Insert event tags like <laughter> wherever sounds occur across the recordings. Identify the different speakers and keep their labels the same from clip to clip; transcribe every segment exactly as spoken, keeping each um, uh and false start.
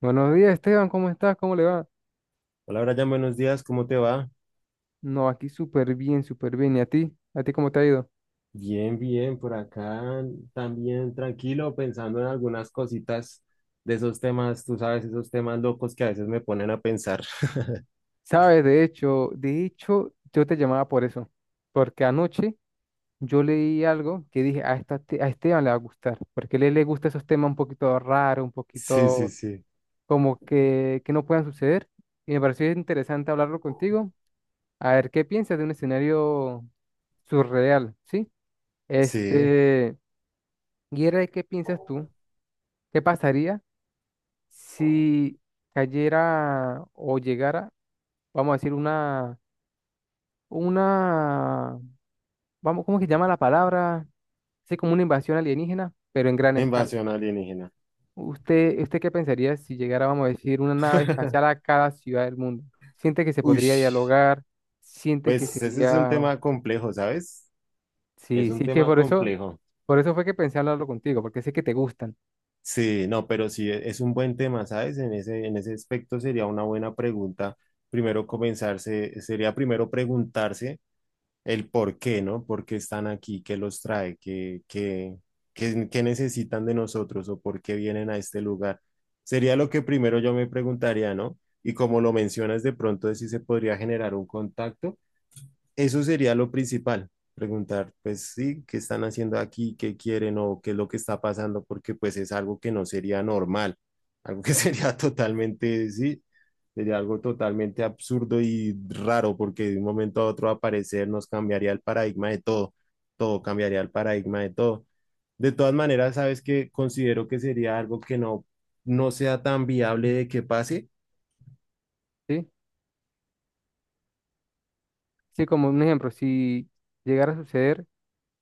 Speaker 1: Buenos días, Esteban, ¿cómo estás? ¿Cómo le va?
Speaker 2: Hola, Brian, buenos días, ¿cómo te va?
Speaker 1: No, aquí súper bien, súper bien. ¿Y a ti? ¿A ti cómo te ha ido?
Speaker 2: Bien, bien, por acá también tranquilo, pensando en algunas cositas de esos temas, tú sabes, esos temas locos que a veces me ponen a pensar. <laughs>
Speaker 1: Sabes, de hecho, de hecho, yo te llamaba por eso, porque anoche yo leí algo que dije, a, esta, te- a Esteban le va a gustar, porque a él le gusta esos temas un poquito raros, un
Speaker 2: Sí, sí,
Speaker 1: poquito
Speaker 2: sí,
Speaker 1: como que, que no puedan suceder, y me pareció interesante hablarlo contigo, a ver qué piensas de un escenario surreal, ¿sí?
Speaker 2: sí,
Speaker 1: Este, y era de qué piensas tú, qué pasaría si cayera o llegara, vamos a decir, una, una, vamos, ¿cómo que llama la palabra? Sí, como una invasión alienígena, pero en gran
Speaker 2: una
Speaker 1: escala.
Speaker 2: invasión alienígena.
Speaker 1: ¿Usted, usted qué pensaría si llegara, vamos a decir, una nave espacial
Speaker 2: <laughs>
Speaker 1: a cada ciudad del mundo? ¿Siente que se
Speaker 2: Uy,
Speaker 1: podría dialogar? ¿Siente que
Speaker 2: pues ese es un
Speaker 1: sería...
Speaker 2: tema complejo, ¿sabes? Es
Speaker 1: Sí,
Speaker 2: un
Speaker 1: sí, que
Speaker 2: tema
Speaker 1: por eso,
Speaker 2: complejo.
Speaker 1: por eso fue que pensé hablarlo contigo, porque sé que te gustan,
Speaker 2: Sí, no, pero sí e- es un buen tema, ¿sabes? En ese, en ese aspecto sería una buena pregunta. Primero comenzarse, sería primero preguntarse el por qué, ¿no? ¿Por qué están aquí? ¿Qué los trae? ¿Qué, qué, qué, qué necesitan de nosotros o por qué vienen a este lugar? Sería lo que primero yo me preguntaría, ¿no? Y como lo mencionas, de pronto de si se podría generar un contacto, eso sería lo principal, preguntar, pues sí, qué están haciendo aquí, qué quieren o qué es lo que está pasando, porque pues es algo que no sería normal, algo que <laughs> sería totalmente, sí, sería algo totalmente absurdo y raro, porque de un momento a otro aparecer nos cambiaría el paradigma de todo, todo cambiaría el paradigma de todo. De todas maneras, sabes que considero que sería algo que no, no sea tan viable de que pase.
Speaker 1: ¿sí? Sí, como un ejemplo, si llegara a suceder,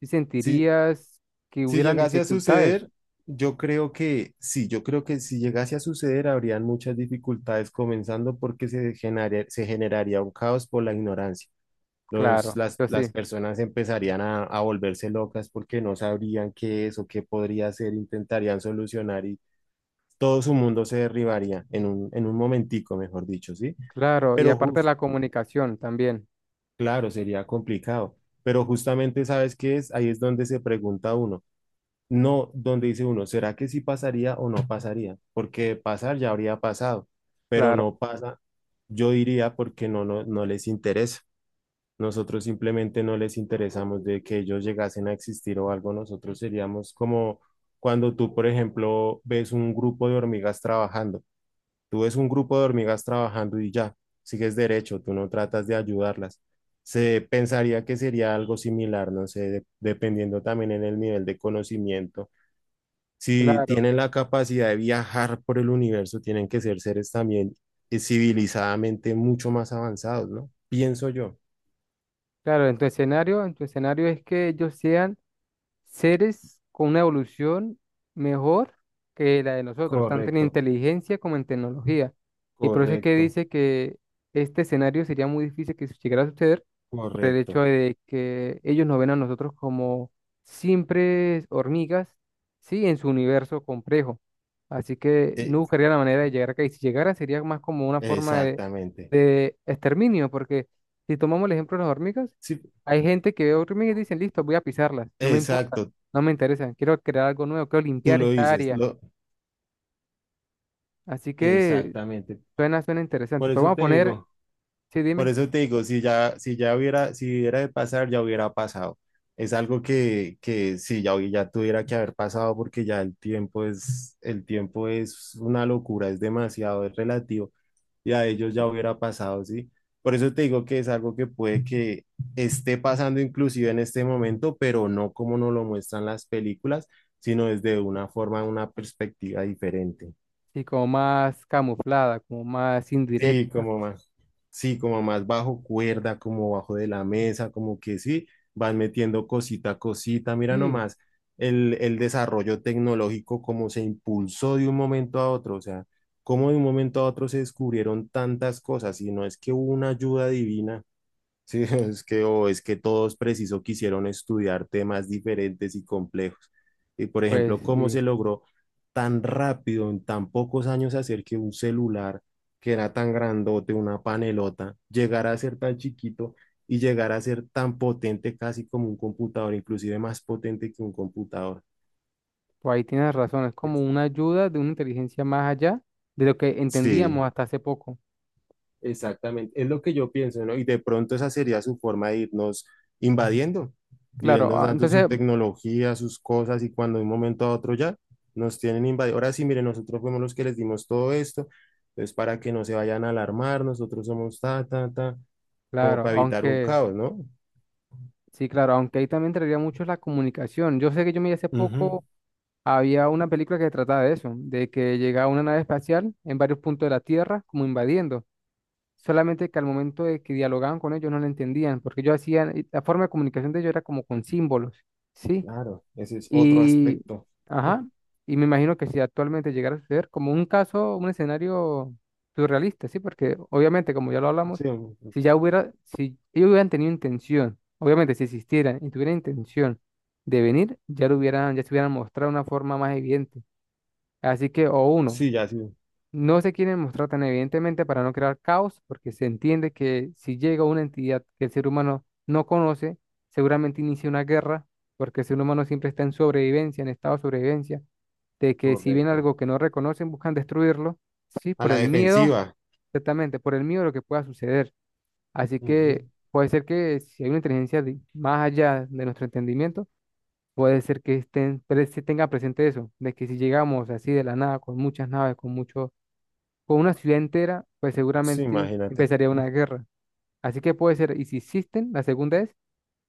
Speaker 1: ¿sí
Speaker 2: Sí,
Speaker 1: sentirías que
Speaker 2: si
Speaker 1: hubieran
Speaker 2: llegase a
Speaker 1: dificultades?
Speaker 2: suceder, yo creo que sí, yo creo que si llegase a suceder habrían muchas dificultades, comenzando porque se generaría, se generaría un caos por la ignorancia. Los,
Speaker 1: Claro,
Speaker 2: las,
Speaker 1: eso
Speaker 2: las
Speaker 1: sí,
Speaker 2: personas empezarían a, a volverse locas porque no sabrían qué es o qué podría ser, intentarían solucionar y todo su mundo se derribaría en un, en un momentico, mejor dicho, ¿sí?
Speaker 1: claro, y
Speaker 2: Pero
Speaker 1: aparte
Speaker 2: justo,
Speaker 1: la comunicación también,
Speaker 2: claro, sería complicado, pero justamente, ¿sabes qué es? Ahí es donde se pregunta uno. No, donde dice uno, ¿será que sí pasaría o no pasaría? Porque pasar ya habría pasado, pero
Speaker 1: claro,
Speaker 2: no pasa, yo diría porque no, no, no les interesa. Nosotros simplemente no les interesamos de que ellos llegasen a existir o algo. Nosotros seríamos como cuando tú, por ejemplo, ves un grupo de hormigas trabajando. Tú ves un grupo de hormigas trabajando y ya, sigues derecho, tú no tratas de ayudarlas. Se pensaría que sería algo similar, no sé, de- dependiendo también en el nivel de conocimiento, si tienen
Speaker 1: claro,
Speaker 2: la capacidad de viajar por el universo, tienen que ser seres también eh, civilizadamente mucho más avanzados, ¿no? Pienso yo.
Speaker 1: claro, en tu escenario, en tu escenario es que ellos sean seres con una evolución mejor que la de nosotros, tanto en
Speaker 2: Correcto,
Speaker 1: inteligencia como en tecnología. Y por eso es que
Speaker 2: correcto.
Speaker 1: dice que este escenario sería muy difícil que llegara a suceder por el hecho
Speaker 2: Correcto.
Speaker 1: de que ellos nos ven a nosotros como simples hormigas, sí, en su universo complejo. Así que no
Speaker 2: Eh,
Speaker 1: buscaría la manera de llegar acá. Y si llegara sería más como una forma de,
Speaker 2: exactamente.
Speaker 1: de exterminio, porque si tomamos el ejemplo de las hormigas,
Speaker 2: Sí,
Speaker 1: hay gente que ve hormigas y dicen, listo, voy a pisarlas, no me importa.
Speaker 2: exacto.
Speaker 1: No me interesa, quiero crear algo nuevo, quiero
Speaker 2: Tú
Speaker 1: limpiar
Speaker 2: lo
Speaker 1: esta
Speaker 2: dices.
Speaker 1: área.
Speaker 2: Lo,
Speaker 1: Así que
Speaker 2: exactamente.
Speaker 1: suena, suena interesante.
Speaker 2: Por
Speaker 1: Pero
Speaker 2: eso
Speaker 1: vamos a
Speaker 2: te
Speaker 1: poner,
Speaker 2: digo.
Speaker 1: sí,
Speaker 2: Por
Speaker 1: dime,
Speaker 2: eso te digo, si ya, si ya hubiera, si hubiera de pasar, ya hubiera pasado. Es algo que, que sí, ya, hubi- ya tuviera que haber pasado porque ya el tiempo es, el tiempo es una locura, es demasiado, es relativo y a ellos ya hubiera pasado, ¿sí? Por eso te digo que es algo que puede que esté pasando inclusive en este momento, pero no como nos lo muestran las películas, sino desde una forma, una perspectiva diferente.
Speaker 1: sí, como más camuflada, como más
Speaker 2: Sí,
Speaker 1: indirecta.
Speaker 2: como más, sí, como más bajo cuerda, como bajo de la mesa, como que sí, van metiendo cosita a cosita. Mira
Speaker 1: Sí,
Speaker 2: nomás el, el desarrollo tecnológico, como se impulsó de un momento a otro, o sea, como de un momento a otro se descubrieron tantas cosas, y no es que hubo una ayuda divina. Sí, <laughs> es que, o es que todos preciso quisieron estudiar temas diferentes y complejos. Y por
Speaker 1: pues
Speaker 2: ejemplo, cómo
Speaker 1: sí,
Speaker 2: se logró tan rápido, en tan pocos años, hacer que un celular que era tan grandote, una panelota, llegara a ser tan chiquito y llegara a ser tan potente casi como un computador, inclusive más potente que un computador.
Speaker 1: pues ahí tienes razón, es como
Speaker 2: Sí.
Speaker 1: una ayuda de una inteligencia más allá de lo que
Speaker 2: Sí.
Speaker 1: entendíamos hasta hace poco.
Speaker 2: Exactamente, es lo que yo pienso, ¿no? Y de pronto esa sería su forma de irnos invadiendo,
Speaker 1: Claro,
Speaker 2: irnos
Speaker 1: ah,
Speaker 2: dando su
Speaker 1: entonces,
Speaker 2: tecnología, sus cosas, y cuando de un momento a otro ya nos tienen invadido. Ahora sí, miren, nosotros fuimos los que les dimos todo esto, entonces para que no se vayan a alarmar, nosotros somos ta, ta, ta, como
Speaker 1: claro,
Speaker 2: para evitar un
Speaker 1: aunque,
Speaker 2: caos, ¿no?
Speaker 1: sí, claro, aunque ahí también traería mucho la comunicación. Yo sé que yo me hace
Speaker 2: Ujú.
Speaker 1: poco, había una película que trataba de eso, de que llegaba una nave espacial en varios puntos de la Tierra, como invadiendo. Solamente que al momento de que dialogaban con ellos no lo entendían, porque ellos hacían, y la forma de comunicación de ellos era como con símbolos, ¿sí?
Speaker 2: Claro, ese es otro
Speaker 1: Y,
Speaker 2: aspecto.
Speaker 1: ajá,
Speaker 2: <laughs>
Speaker 1: y me imagino que si actualmente llegara a suceder como un caso, un escenario surrealista, ¿sí? Porque obviamente, como ya lo hablamos,
Speaker 2: Sí,
Speaker 1: si ya hubiera, si ellos hubieran tenido intención, obviamente si existieran y tuvieran intención de venir, ya lo hubieran, ya se hubieran mostrado de una forma más evidente. Así que, o uno,
Speaker 2: sí, ya sí,
Speaker 1: no se quieren mostrar tan evidentemente para no crear caos, porque se entiende que si llega una entidad que el ser humano no conoce, seguramente inicia una guerra, porque el ser humano siempre está en sobrevivencia, en estado de sobrevivencia, de que si viene
Speaker 2: correcto.
Speaker 1: algo que no reconocen, buscan destruirlo, sí,
Speaker 2: A
Speaker 1: por
Speaker 2: la
Speaker 1: el miedo,
Speaker 2: defensiva.
Speaker 1: exactamente, por el miedo a lo que pueda suceder. Así
Speaker 2: Ujú.
Speaker 1: que puede ser que si hay una inteligencia di- más allá de nuestro entendimiento, puede ser que estén, pre- se tenga presente eso, de que si llegamos así de la nada, con muchas naves, con muchos con una ciudad entera, pues
Speaker 2: Sí,
Speaker 1: seguramente
Speaker 2: imagínate.
Speaker 1: empezaría una guerra. Así que puede ser, y si existen, la segunda es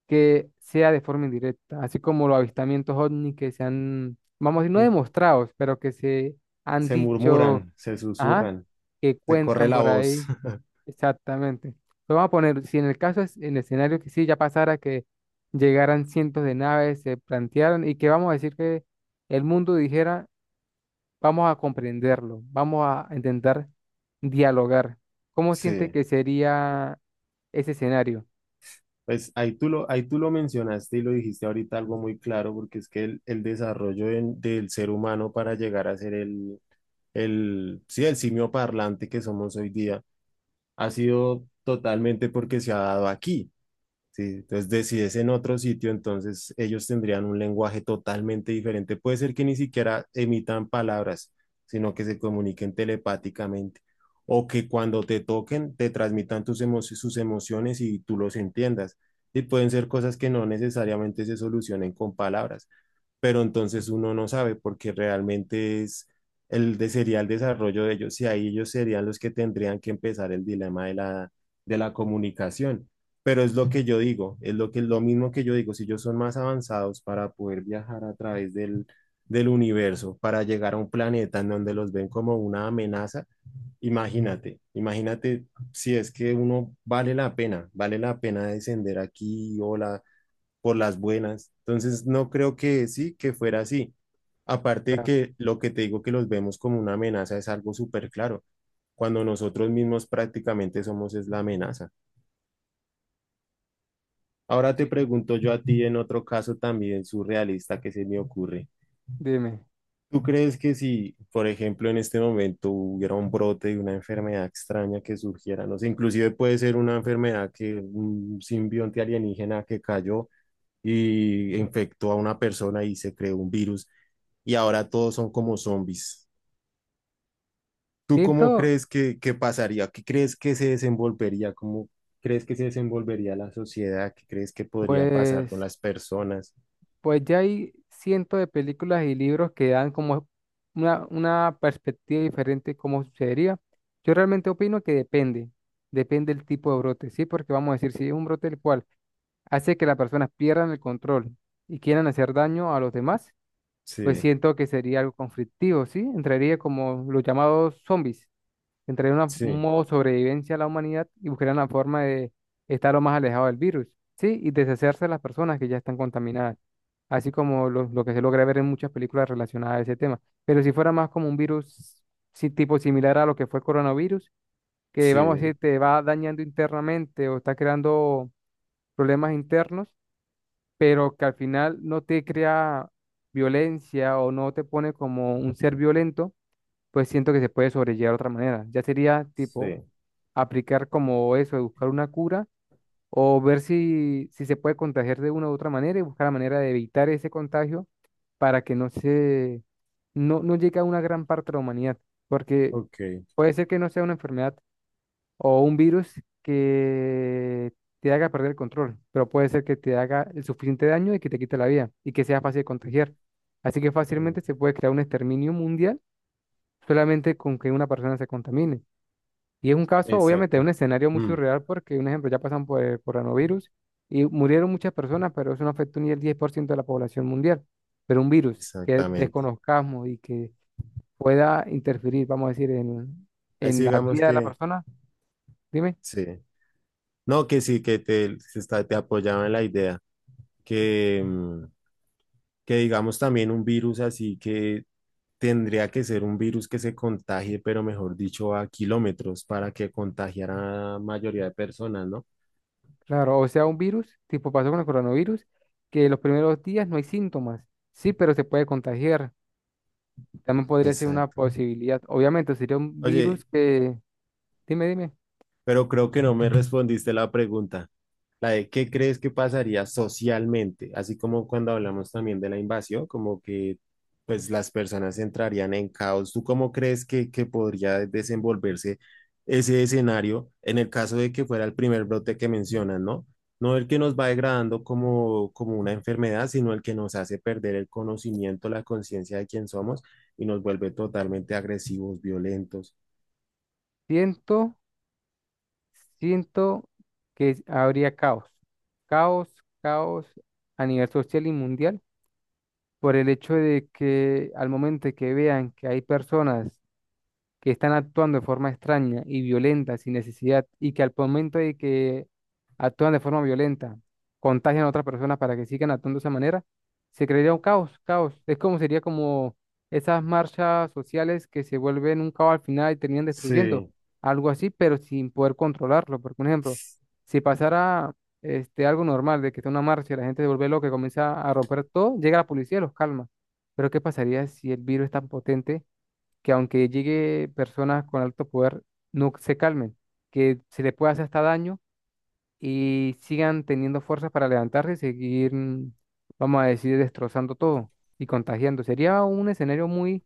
Speaker 1: que sea de forma indirecta, así como los avistamientos ovni que se han, vamos a decir, no
Speaker 2: <laughs>
Speaker 1: demostrados, pero que se han
Speaker 2: Se
Speaker 1: dicho,
Speaker 2: murmuran, se
Speaker 1: ajá,
Speaker 2: susurran,
Speaker 1: que
Speaker 2: se corre
Speaker 1: cuentan
Speaker 2: la
Speaker 1: por
Speaker 2: voz.
Speaker 1: ahí,
Speaker 2: <laughs>
Speaker 1: exactamente. Lo vamos a poner, si en el caso es, en el escenario que sí ya pasara, que llegaran cientos de naves, se plantearan, y que vamos a decir que el mundo dijera, vamos a comprenderlo, vamos a intentar dialogar. ¿Cómo siente
Speaker 2: Sí,
Speaker 1: que sería ese escenario?
Speaker 2: pues ahí tú lo, ahí tú lo mencionaste y lo dijiste ahorita algo muy claro, porque es que el, el desarrollo en- del ser humano para llegar a ser el, el, sí, el simio parlante que somos hoy día ha sido totalmente porque se ha dado aquí. Sí, entonces de- si es en otro sitio, entonces ellos tendrían un lenguaje totalmente diferente. Puede ser que ni siquiera emitan palabras, sino que se comuniquen telepáticamente o que cuando te toquen te transmitan tus emo- sus emociones y tú los entiendas. Y pueden ser cosas que no necesariamente se solucionen con palabras, pero entonces uno no sabe porque realmente es el de, sería el desarrollo de ellos y ahí ellos serían los que tendrían que empezar el dilema de la, de la comunicación. Pero es lo que yo digo, es lo que lo mismo que yo digo, si ellos son más avanzados para poder viajar a través del, del universo, para llegar a un planeta en donde los ven como una amenaza, imagínate, imagínate si es que uno vale la pena, vale la pena descender aquí, hola, por las buenas. Entonces, no creo que sí, que fuera así. Aparte de
Speaker 1: Claro,
Speaker 2: que lo que te digo que los vemos como una amenaza es algo súper claro, cuando nosotros mismos prácticamente somos es la amenaza. Ahora te
Speaker 1: sí.
Speaker 2: pregunto yo a ti en otro caso también surrealista que se me ocurre.
Speaker 1: Dime.
Speaker 2: ¿Tú crees que si, por ejemplo, en este momento hubiera un brote de una enfermedad extraña que surgiera, no sé, inclusive puede ser una enfermedad que un simbionte alienígena que cayó y infectó a una persona y se creó un virus, y ahora todos son como zombies? ¿Tú cómo
Speaker 1: Siento,
Speaker 2: crees que, que pasaría? ¿Qué crees que se desenvolvería? ¿Cómo crees que se desenvolvería la sociedad? ¿Qué crees que podría pasar con
Speaker 1: pues,
Speaker 2: las personas?
Speaker 1: pues ya hay cientos de películas y libros que dan como una, una perspectiva diferente de cómo sucedería. Yo realmente opino que depende, depende del tipo de brote, ¿sí? Porque vamos a decir, si es un brote el cual hace que las personas pierdan el control y quieran hacer daño a los demás, pues
Speaker 2: Sí,
Speaker 1: siento que sería algo conflictivo, ¿sí? Entraría como los llamados zombies, entraría una- un
Speaker 2: sí,
Speaker 1: modo sobrevivencia a la humanidad y buscarían la forma de estar lo más alejado del virus, ¿sí? Y deshacerse de las personas que ya están contaminadas, así como lo, lo que se logra ver en muchas películas relacionadas a ese tema. Pero si fuera más como un virus, sí, tipo similar a lo que fue el coronavirus, que vamos a
Speaker 2: sí,
Speaker 1: decir, te va dañando internamente o está creando problemas internos pero que al final no te crea violencia o no te pone como un ser violento, pues siento que se puede sobrellevar de otra manera. Ya sería tipo
Speaker 2: sí.
Speaker 1: aplicar como eso de buscar una cura o ver si, si se puede contagiar de una u otra manera y buscar la manera de evitar ese contagio para que no se, no, no llegue a una gran parte de la humanidad, porque
Speaker 2: Ok. Eh,
Speaker 1: puede ser que no sea una enfermedad o un virus que te haga perder el control, pero puede ser que te haga el suficiente daño y que te quite la vida y que sea fácil de contagiar. Así que fácilmente se puede crear un exterminio mundial solamente con que una persona se contamine. Y es un caso, obviamente, un
Speaker 2: exacto.
Speaker 1: escenario muy
Speaker 2: Mm,
Speaker 1: surreal porque, un ejemplo, ya pasan por el coronavirus y murieron muchas personas, pero eso no afectó ni el diez por ciento de la población mundial. Pero un virus que
Speaker 2: exactamente.
Speaker 1: desconozcamos y que pueda interferir, vamos a decir, en,
Speaker 2: Así
Speaker 1: en la
Speaker 2: digamos
Speaker 1: vida de la
Speaker 2: que
Speaker 1: persona, dime.
Speaker 2: sí. No, que sí, que te, se está, te apoyaba en la idea que, mm, que digamos también un virus así que tendría que ser un virus que se contagie, pero mejor dicho, a kilómetros para que contagiara a la mayoría de personas, ¿no?
Speaker 1: Claro, o sea, un virus, tipo pasó con el coronavirus, que los primeros días no hay síntomas. Sí, pero se puede contagiar. También podría ser una
Speaker 2: Exacto.
Speaker 1: posibilidad. Obviamente, sería un
Speaker 2: Oye,
Speaker 1: virus que, dime, dime,
Speaker 2: pero creo que no me respondiste la pregunta, la de qué crees que pasaría socialmente, así como cuando hablamos también de la invasión, como que pues las personas entrarían en caos. ¿Tú cómo crees que, que podría desenvolverse ese escenario en el caso de que fuera el primer brote que mencionas, ¿no? No el que nos va degradando como, como una enfermedad, sino el que nos hace perder el conocimiento, la conciencia de quién somos y nos vuelve totalmente agresivos, violentos.
Speaker 1: siento, siento que habría caos. Caos, caos a nivel social y mundial por el hecho de que al momento de que vean que hay personas que están actuando de forma extraña y violenta sin necesidad y que al momento de que actúan de forma violenta, contagian a otras personas para que sigan actuando de esa manera, se crearía un caos, caos. Es como sería como esas marchas sociales que se vuelven un caos al final y terminan destruyendo,
Speaker 2: Sí,
Speaker 1: algo así, pero sin poder controlarlo. Porque, por ejemplo, si pasara este, algo normal de que está una marcha y la gente se vuelve loca y comienza a romper todo, llega la policía y los calma. Pero ¿qué pasaría si el virus es tan potente que aunque llegue personas con alto poder, no se calmen, que se les pueda hacer hasta daño y sigan teniendo fuerzas para levantarse y seguir, mm, vamos a decir, destrozando todo y contagiando? Sería un escenario muy,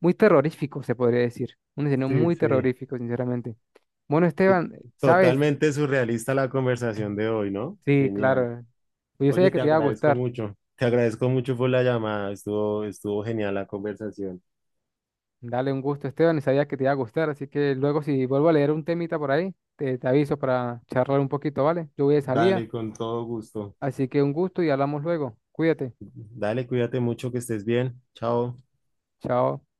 Speaker 1: muy terrorífico, se podría decir. Un escenario
Speaker 2: sí,
Speaker 1: muy
Speaker 2: sí.
Speaker 1: terrorífico, sinceramente. Bueno,
Speaker 2: Eh,
Speaker 1: Esteban, ¿sabes?
Speaker 2: totalmente surrealista la conversación de hoy, ¿no?
Speaker 1: Sí,
Speaker 2: Genial.
Speaker 1: claro. Pues yo sabía
Speaker 2: Oye,
Speaker 1: que
Speaker 2: te
Speaker 1: te iba a
Speaker 2: agradezco
Speaker 1: gustar.
Speaker 2: mucho. Te agradezco mucho por la llamada. Estuvo, estuvo genial la conversación.
Speaker 1: Dale un gusto, Esteban, y sabía que te iba a gustar. Así que luego, si vuelvo a leer un temita por ahí, te, te aviso para charlar un poquito, ¿vale? Yo voy de salida.
Speaker 2: Dale, con todo gusto.
Speaker 1: Así que un gusto y hablamos luego. Cuídate.
Speaker 2: Dale, cuídate mucho, que estés bien. Chao.
Speaker 1: Chao.